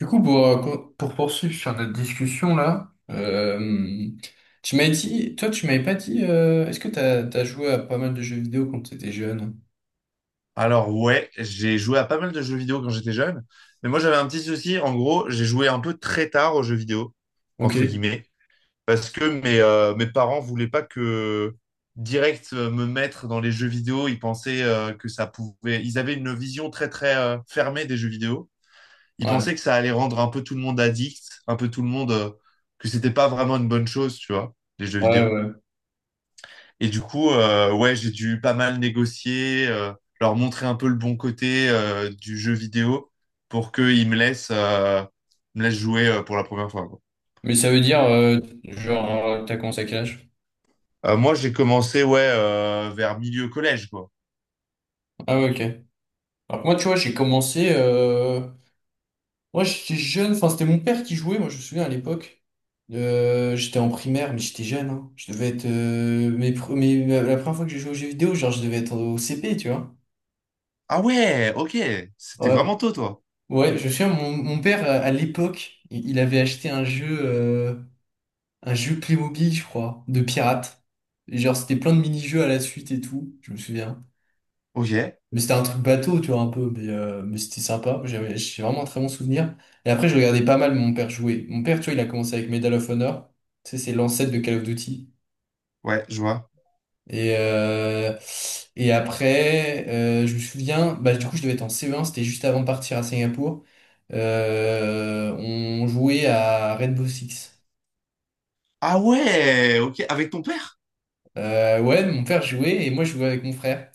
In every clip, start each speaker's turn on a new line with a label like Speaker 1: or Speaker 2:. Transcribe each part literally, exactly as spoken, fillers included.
Speaker 1: Du coup, pour, euh, con- pour poursuivre sur notre discussion là, euh, tu m'as dit, toi, tu m'avais pas dit, euh, est-ce que t'as, t'as joué à pas mal de jeux vidéo quand t'étais jeune?
Speaker 2: Alors ouais, j'ai joué à pas mal de jeux vidéo quand j'étais jeune, mais moi j'avais un petit souci, en gros, j'ai joué un peu très tard aux jeux vidéo,
Speaker 1: Ok.
Speaker 2: entre guillemets, parce que mes, euh, mes parents voulaient pas que direct euh, me mettre dans les jeux vidéo. Ils pensaient euh, que ça pouvait, ils avaient une vision très très euh, fermée des jeux vidéo. Ils
Speaker 1: Ouais.
Speaker 2: pensaient que ça allait rendre un peu tout le monde addict, un peu tout le monde, euh, que c'était pas vraiment une bonne chose, tu vois, les jeux
Speaker 1: Ouais,
Speaker 2: vidéo.
Speaker 1: ouais.
Speaker 2: Et du coup, euh, ouais, j'ai dû pas mal négocier, euh, leur montrer un peu le bon côté euh, du jeu vidéo pour qu'ils me laissent, euh, me laissent jouer euh, pour la première fois, quoi.
Speaker 1: Mais ça veut dire, euh, genre, euh, t'as commencé à quel âge?
Speaker 2: Euh, moi, j'ai commencé, ouais, euh, vers milieu collège, quoi.
Speaker 1: Ah ouais, ok. Alors que moi, tu vois, j'ai commencé, euh, moi, j'étais jeune, enfin, c'était mon père qui jouait, moi, je me souviens à l'époque. Euh, j'étais en primaire, mais j'étais jeune, hein. Je devais être, euh, mes, pre- mes- la première fois que j'ai joué aux jeux vidéo, genre, je devais être au C P, tu vois.
Speaker 2: Ah ouais, ok. C'était
Speaker 1: Ouais.
Speaker 2: vraiment tôt, toi.
Speaker 1: Ouais, je sais, mon, mon père, à à l'époque, il il avait acheté un jeu, euh, un jeu Playmobil, je crois, de pirates. Et genre, c'était plein de mini-jeux à la suite et tout, je me souviens.
Speaker 2: Ok,
Speaker 1: Mais c'était un truc bateau, tu vois, un peu, mais, euh, mais c'était sympa. J'avais, j'ai vraiment un très bon souvenir. Et après, je regardais pas mal mon père jouer. Mon père, tu vois, il a commencé avec Medal of Honor. Tu sais, c'est l'ancêtre de Call of Duty.
Speaker 2: ouais, je vois.
Speaker 1: Et, euh, et après, euh, je me souviens, bah, du coup, je devais être en C un, c'était juste avant de partir à Singapour. Euh, on jouait à Rainbow Six.
Speaker 2: Ah ouais, ok. Avec ton père?
Speaker 1: Euh, ouais, mon père jouait et moi, je jouais avec mon frère.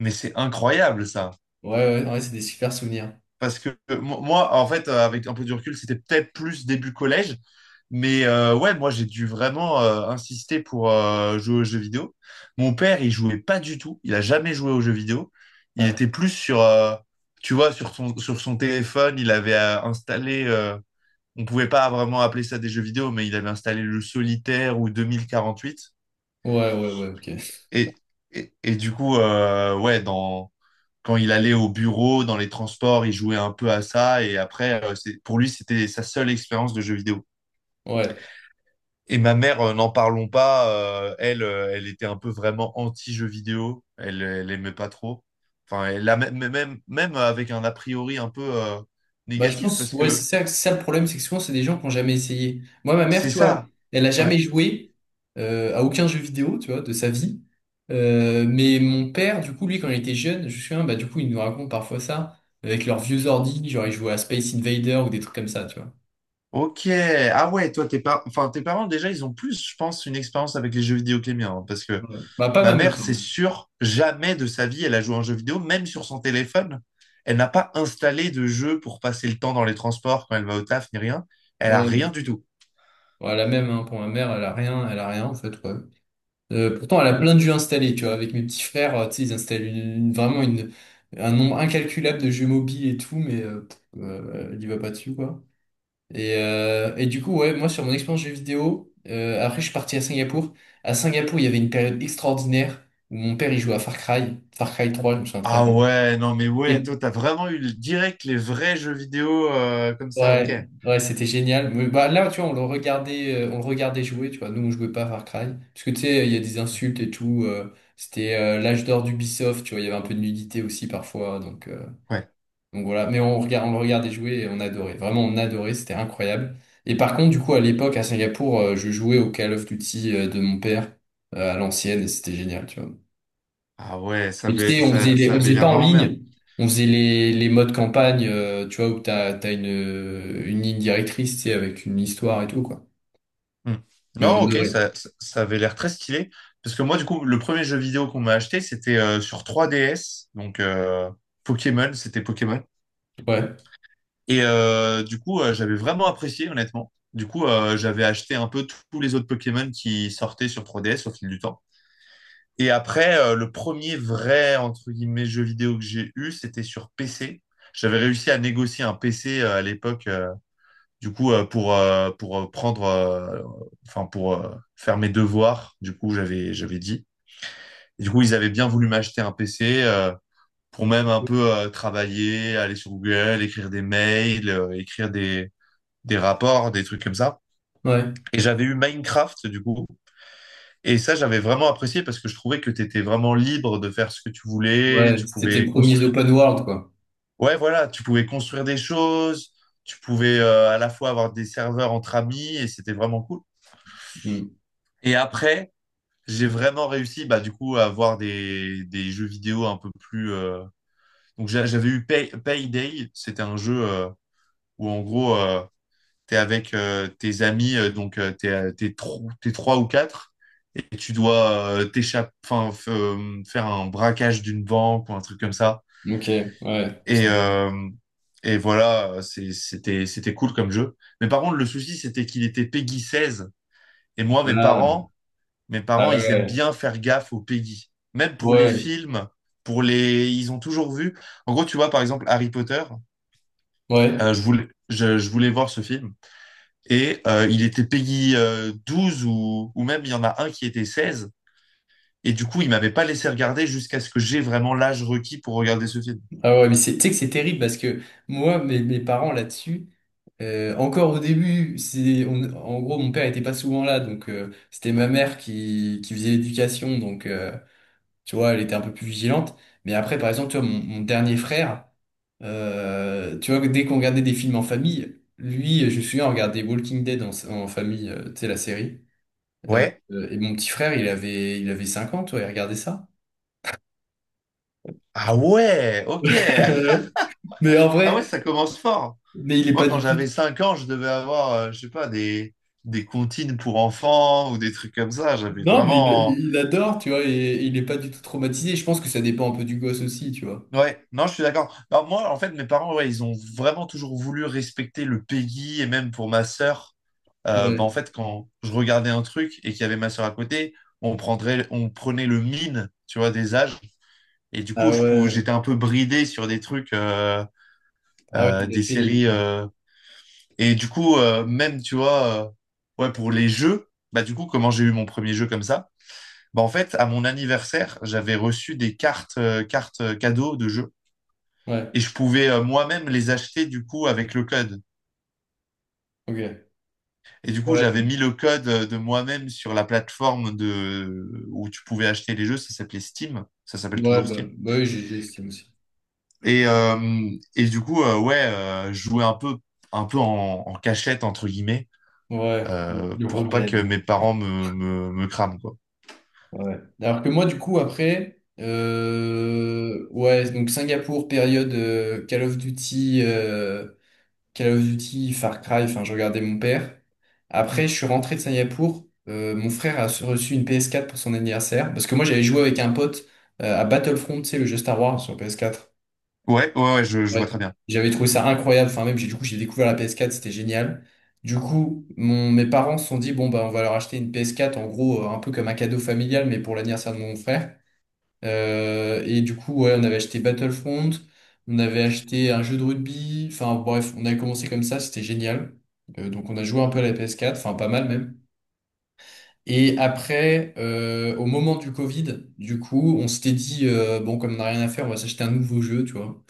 Speaker 2: Mais c'est incroyable, ça.
Speaker 1: Ouais, ouais, ouais, c'est des super souvenirs.
Speaker 2: Parce que euh, mo- moi, en fait, euh, avec un peu du recul, c'était peut-être plus début collège. Mais euh, ouais, moi, j'ai dû vraiment euh, insister pour euh, jouer aux jeux vidéo. Mon père, il jouait pas du tout. Il a jamais joué aux jeux vidéo. Il
Speaker 1: Ouais,
Speaker 2: était plus sur, euh, tu vois, sur son, sur son téléphone. Il avait euh, installé, euh, on pouvait pas vraiment appeler ça des jeux vidéo, mais il avait installé le Solitaire ou deux mille quarante-huit.
Speaker 1: ouais, ouais, ouais, ok.
Speaker 2: Et, et, et du coup, euh, ouais, dans quand il allait au bureau, dans les transports, il jouait un peu à ça. Et après, euh, c'est- pour lui, c'était sa seule expérience de jeu vidéo.
Speaker 1: Ouais.
Speaker 2: Et ma mère, euh, n'en parlons pas, euh, elle, euh, elle était un peu vraiment anti-jeu vidéo. Elle, elle aimait pas trop. Enfin, elle a même, même, même avec un a priori un peu euh,
Speaker 1: Bah, je
Speaker 2: négatif,
Speaker 1: pense,
Speaker 2: parce
Speaker 1: ouais,
Speaker 2: que
Speaker 1: c'est ça, c'est ça le problème, c'est que souvent, c'est des gens qui n'ont jamais essayé. Moi, ma mère,
Speaker 2: c'est
Speaker 1: tu vois,
Speaker 2: ça.
Speaker 1: elle a
Speaker 2: Ouais.
Speaker 1: jamais joué euh, à aucun jeu vidéo, tu vois, de sa vie. Euh, mais mon père, du coup, lui, quand il était jeune, je me souviens, bah, du coup, il nous raconte parfois ça, avec leurs vieux ordi, genre, ils jouaient à Space Invader ou des trucs comme ça, tu vois.
Speaker 2: Ok. Ah ouais, toi, tes par- enfin, tes parents, déjà, ils ont plus, je pense, une expérience avec les jeux vidéo que les miens, hein, parce que
Speaker 1: Ouais. Bah, pas
Speaker 2: ma
Speaker 1: ma mère,
Speaker 2: mère, c'est
Speaker 1: pardon.
Speaker 2: sûr, jamais de sa vie, elle a joué à un jeu vidéo, même sur son téléphone. Elle n'a pas installé de jeu pour passer le temps dans les transports quand elle va au taf, ni rien. Elle a rien
Speaker 1: Ouais,
Speaker 2: du tout.
Speaker 1: ouais, la même, hein, pour ma mère, elle a rien, elle a rien, en fait, ouais. Euh, pourtant, elle a plein de jeux installés, tu vois. Avec mes petits frères, euh, tu sais, ils installent une- une- vraiment une, un nombre incalculable de jeux mobiles et tout, mais euh, pff, euh, elle y va pas dessus, quoi. Et, euh, et du coup, ouais, moi, sur mon expérience jeux vidéo, euh, après, je suis parti à Singapour. À Singapour, il y avait une période extraordinaire où mon père, il jouait à Far Cry, Far Cry trois, je me souviens très
Speaker 2: Ah
Speaker 1: bien.
Speaker 2: ouais, non mais ouais, toi, t'as vraiment eu le- direct les vrais jeux vidéo euh, comme ça, ok.
Speaker 1: Ouais, ouais, c'était génial. Mais bah là, tu vois, on le regardait, euh, on le regardait jouer, tu vois. Nous, on jouait pas à Far Cry. Parce que tu sais, il y a des insultes et tout. Euh, c'était euh, l'âge d'or d'Ubisoft, tu vois. Il y avait un peu de nudité aussi parfois. Donc, euh,
Speaker 2: Ouais.
Speaker 1: donc voilà. Mais on regarde, on le regardait jouer et on adorait. Vraiment, on adorait. C'était incroyable. Et par contre, du coup, à l'époque, à Singapour, euh, je jouais au Call of Duty euh, de mon père euh, à l'ancienne et c'était génial, tu vois.
Speaker 2: Ah ouais, ça
Speaker 1: Mais tu
Speaker 2: avait,
Speaker 1: sais, on faisait
Speaker 2: ça,
Speaker 1: les, on
Speaker 2: ça avait
Speaker 1: faisait pas
Speaker 2: l'air
Speaker 1: en
Speaker 2: vraiment bien.
Speaker 1: ligne, on faisait les, les, modes campagne, euh, tu vois, où t'as, t'as une, une ligne directrice, tu sais, avec une histoire et tout, quoi.
Speaker 2: Hmm.
Speaker 1: Mais on
Speaker 2: Non, ok,
Speaker 1: adorait.
Speaker 2: ça, ça, ça avait l'air très stylé. Parce que moi, du coup, le premier jeu vidéo qu'on m'a acheté, c'était euh, sur trois D S. Donc, euh, Pokémon, c'était Pokémon.
Speaker 1: Ouais,
Speaker 2: Et euh, du coup, euh, j'avais vraiment apprécié, honnêtement. Du coup, euh, j'avais acheté un peu tous les autres Pokémon qui sortaient sur trois D S au fil du temps. Et après, euh, le premier vrai, entre guillemets, jeu vidéo que j'ai eu, c'était sur P C. J'avais réussi à négocier un P C euh, à l'époque, euh, du coup, euh, pour, euh, pour euh, prendre, euh, enfin, pour euh, faire mes devoirs. Du coup, j'avais, j'avais dit. Et du coup, ils avaient bien voulu m'acheter un P C euh, pour même un peu euh, travailler, aller sur Google, écrire des mails, euh, écrire des des rapports, des trucs comme ça.
Speaker 1: ouais,
Speaker 2: Et j'avais eu Minecraft, du coup. Et ça, j'avais vraiment apprécié parce que je trouvais que tu étais vraiment libre de faire ce que tu voulais.
Speaker 1: ouais,
Speaker 2: Tu
Speaker 1: c'était les
Speaker 2: pouvais
Speaker 1: premiers
Speaker 2: construire.
Speaker 1: open world, quoi.
Speaker 2: Ouais, voilà, tu pouvais construire des choses. Tu pouvais euh, à la fois avoir des serveurs entre amis et c'était vraiment cool.
Speaker 1: Hmm.
Speaker 2: Et après, j'ai vraiment réussi, bah, du coup, à avoir des, des jeux vidéo un peu plus. euh, Donc, j'a- j'avais eu Pay- Payday. C'était un jeu euh, où, en gros, euh, tu es avec euh, tes amis, euh, donc euh, t'es, euh, t'es tro- t'es trois ou quatre, et tu dois euh, t'échapper, enfin, f- euh, faire un braquage d'une banque ou un truc comme ça.
Speaker 1: Ok, ouais. ça-
Speaker 2: Et, euh, et voilà, c'est- c'était, c'était cool comme jeu. Mais par contre, le souci, c'était qu'il était Peggy seize. Et moi, mes
Speaker 1: Ah,
Speaker 2: parents, mes
Speaker 1: ah
Speaker 2: parents, ils aiment
Speaker 1: ouais,
Speaker 2: bien faire gaffe aux Peggy. Même pour les
Speaker 1: ouais,
Speaker 2: films, pour les... ils ont toujours vu. En gros, tu vois, par exemple, Harry Potter,
Speaker 1: ouais.
Speaker 2: euh, je voulais, je, je voulais voir ce film, et euh, il était Peggy euh, douze ou, ou même il y en a un qui était seize. Et du coup, il m'avait pas laissé regarder jusqu'à ce que j'ai vraiment l'âge requis pour regarder ce film.
Speaker 1: Ah ouais, mais c'est, tu sais que c'est terrible parce que moi, mes, mes parents là-dessus, euh, encore au début, c'est, on- en gros, mon père était pas souvent là, donc euh, c'était ma mère qui, qui faisait l'éducation, donc. euh, Tu vois, elle était un peu plus vigilante. Mais après, par exemple, tu vois, mon, mon dernier frère, euh, tu vois, dès qu'on regardait des films en famille, lui, je me souviens, on regardait Walking Dead en, en famille, euh, tu sais, la série. Euh,
Speaker 2: Ouais.
Speaker 1: euh, et mon petit frère, il avait, il avait cinq ans, tu vois, il regardait ça.
Speaker 2: Ah ouais, ok.
Speaker 1: Euh, mais en
Speaker 2: Ah ouais,
Speaker 1: vrai,
Speaker 2: ça commence fort.
Speaker 1: mais il est
Speaker 2: Moi,
Speaker 1: pas
Speaker 2: quand
Speaker 1: du tout.
Speaker 2: j'avais cinq ans, je devais avoir, euh, je sais pas, des, des comptines pour enfants ou des trucs comme ça. J'avais
Speaker 1: Non, mais il,
Speaker 2: vraiment...
Speaker 1: il adore, tu vois, et, et il est pas du tout traumatisé. Je pense que ça dépend un peu du gosse aussi, tu vois.
Speaker 2: Ouais, non, je suis d'accord. Alors moi, en fait, mes parents, ouais, ils ont vraiment toujours voulu respecter le Peggy et même pour ma sœur. Euh, bah,
Speaker 1: Ouais.
Speaker 2: en fait, quand je regardais un truc et qu'il y avait ma sœur à côté, on prendrait, on prenait le mine, tu vois, des âges. Et du coup,
Speaker 1: Ah
Speaker 2: je pou- j'étais
Speaker 1: ouais.
Speaker 2: un peu bridé sur des trucs, euh,
Speaker 1: Ah ouais, ça
Speaker 2: euh,
Speaker 1: doit
Speaker 2: des
Speaker 1: être pénible,
Speaker 2: séries.
Speaker 1: ça.
Speaker 2: euh. Et du coup, euh, même, tu vois, euh, ouais, pour les jeux, bah du coup, comment j'ai eu mon premier jeu comme ça? Bah en fait, à mon anniversaire, j'avais reçu des cartes, euh, cartes euh, cadeaux de jeux. Et
Speaker 1: Ouais,
Speaker 2: je pouvais euh, moi-même les acheter du coup avec le code.
Speaker 1: ok.
Speaker 2: Et du coup,
Speaker 1: Ouais,
Speaker 2: j'avais mis le code de moi-même sur la plateforme de... où tu pouvais acheter les jeux. Ça s'appelait Steam. Ça s'appelle
Speaker 1: ouais,
Speaker 2: toujours
Speaker 1: bah,
Speaker 2: Steam.
Speaker 1: bah oui, j'ai- j'estime aussi.
Speaker 2: Et, euh, et du coup, euh, ouais, euh, je jouais un peu, un peu en, en cachette, entre guillemets,
Speaker 1: Ouais,
Speaker 2: euh,
Speaker 1: le
Speaker 2: pour pas que
Speaker 1: rebelle.
Speaker 2: mes parents me, me, me crament, quoi.
Speaker 1: Ouais. Alors que moi, du coup, après, euh, ouais, donc Singapour, période euh, Call of Duty, euh, Call of Duty, Far Cry, enfin, je regardais mon père. Après,
Speaker 2: Mm.
Speaker 1: je suis rentré de Singapour. Euh, mon frère a reçu une P S quatre pour son anniversaire. Parce que moi, j'avais joué avec un pote euh, à Battlefront, tu sais, le jeu Star Wars sur P S quatre.
Speaker 2: Ouais, ouais, ouais, je, je vois très
Speaker 1: Ouais,
Speaker 2: bien.
Speaker 1: j'avais trouvé ça incroyable. Enfin, même, j'ai, du coup, j'ai découvert la P S quatre, c'était génial. Du coup, mon, mes parents se sont dit, bon, bah, on va leur acheter une P S quatre, en gros, euh, un peu comme un cadeau familial, mais pour l'anniversaire de mon frère. Euh, et du coup, ouais, on avait acheté Battlefront, on avait acheté un jeu de rugby. Enfin, bref, on avait commencé comme ça, c'était génial. Euh, donc, on a joué un peu à la P S quatre, enfin, pas mal même. Et après, euh, au moment du Covid, du coup, on s'était dit, euh, bon, comme on n'a rien à faire, on va s'acheter un nouveau jeu, tu vois.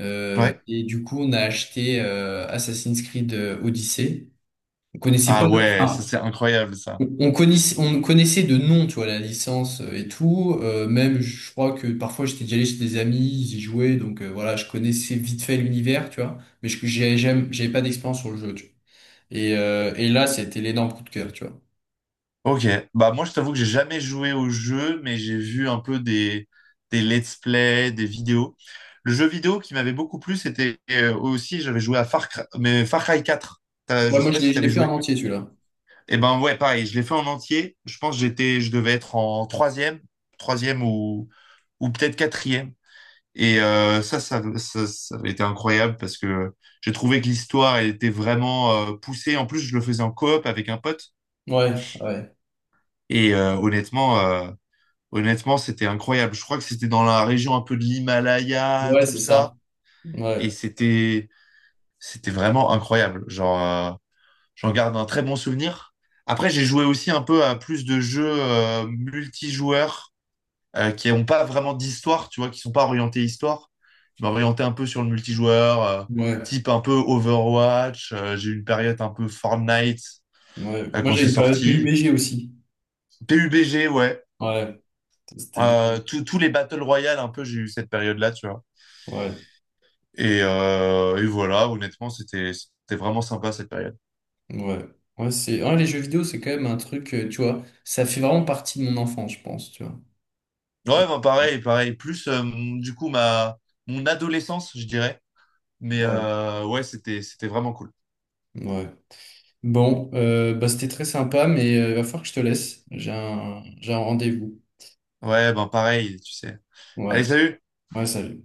Speaker 1: Euh,
Speaker 2: Ouais.
Speaker 1: et du coup, on a acheté euh, Assassin's Creed euh, Odyssey. On connaissait pas,
Speaker 2: Ah ouais, ça
Speaker 1: enfin,
Speaker 2: c'est incroyable, ça.
Speaker 1: on on connaissait, on connaissait de nom, tu vois, la licence euh, et tout. Euh, même, je crois que parfois j'étais déjà allé chez des amis, ils y jouaient, donc euh, voilà, je connaissais vite fait l'univers, tu vois. Mais je, j'ai- j'aime- j'avais pas d'expérience sur le jeu, tu vois. Et, euh, et là, c'était l'énorme coup de cœur, tu vois.
Speaker 2: Ok, bah moi je t'avoue que j'ai jamais joué au jeu, mais j'ai vu un peu des, des let's play, des vidéos. Le jeu vidéo qui m'avait beaucoup plu, c'était euh, aussi, j'avais joué à Far Cry, mais Far Cry quatre. T'as-
Speaker 1: Ouais,
Speaker 2: je sais
Speaker 1: moi,
Speaker 2: pas
Speaker 1: je l'ai,
Speaker 2: si
Speaker 1: je l'ai
Speaker 2: t'avais
Speaker 1: fait en
Speaker 2: joué.
Speaker 1: entier, celui-là.
Speaker 2: Et ben ouais, pareil, je l'ai fait en entier. Je pense que j'étais, je devais être en troisième, troisième, ou, ou peut-être quatrième. Et euh, ça, ça, ça, ça avait été incroyable parce que j'ai trouvé que l'histoire elle était vraiment euh, poussée. En plus, je le faisais en coop avec un pote.
Speaker 1: Ouais, ouais,
Speaker 2: Et euh, honnêtement, euh, Honnêtement, c'était incroyable. Je crois que c'était dans la région un peu de l'Himalaya,
Speaker 1: ouais,
Speaker 2: tout
Speaker 1: c'est ça.
Speaker 2: ça. Et
Speaker 1: Ouais,
Speaker 2: c'était, c'était vraiment incroyable. Genre, euh, j'en garde un très bon souvenir. Après, j'ai joué aussi un peu à plus de jeux euh, multijoueurs euh, qui n'ont pas vraiment d'histoire, tu vois, qui sont pas orientés histoire. Je m'orientais un peu sur le multijoueur, euh,
Speaker 1: ouais,
Speaker 2: type un peu Overwatch. Euh, j'ai eu une période un peu Fortnite
Speaker 1: ouais.
Speaker 2: euh,
Speaker 1: Moi,
Speaker 2: quand
Speaker 1: j'ai
Speaker 2: c'est
Speaker 1: une période
Speaker 2: sorti.
Speaker 1: P U B G aussi.
Speaker 2: P U B G, ouais.
Speaker 1: Ouais, c'était
Speaker 2: Euh,
Speaker 1: bien.
Speaker 2: tous tous les Battle Royale, un peu, j'ai eu cette période-là, tu vois.
Speaker 1: Ouais.
Speaker 2: Et, euh, et voilà, honnêtement, c'était c'était vraiment sympa cette période.
Speaker 1: Ouais, ouais, c'est... ouais, les jeux vidéo, c'est quand même un truc, euh, tu vois, ça fait vraiment partie de mon enfance, je pense, tu vois. Et-
Speaker 2: Ouais, ben pareil, pareil. Plus euh, mon- du coup ma mon adolescence, je dirais. Mais
Speaker 1: Ouais,
Speaker 2: euh, ouais, c'était c'était vraiment cool.
Speaker 1: ouais. Bon, euh, bah, c'était très sympa, mais euh, il va falloir que je te laisse. J'ai un, j'ai un rendez-vous.
Speaker 2: Ouais, ben pareil, tu sais.
Speaker 1: Ouais,
Speaker 2: Allez, salut!
Speaker 1: ouais, salut.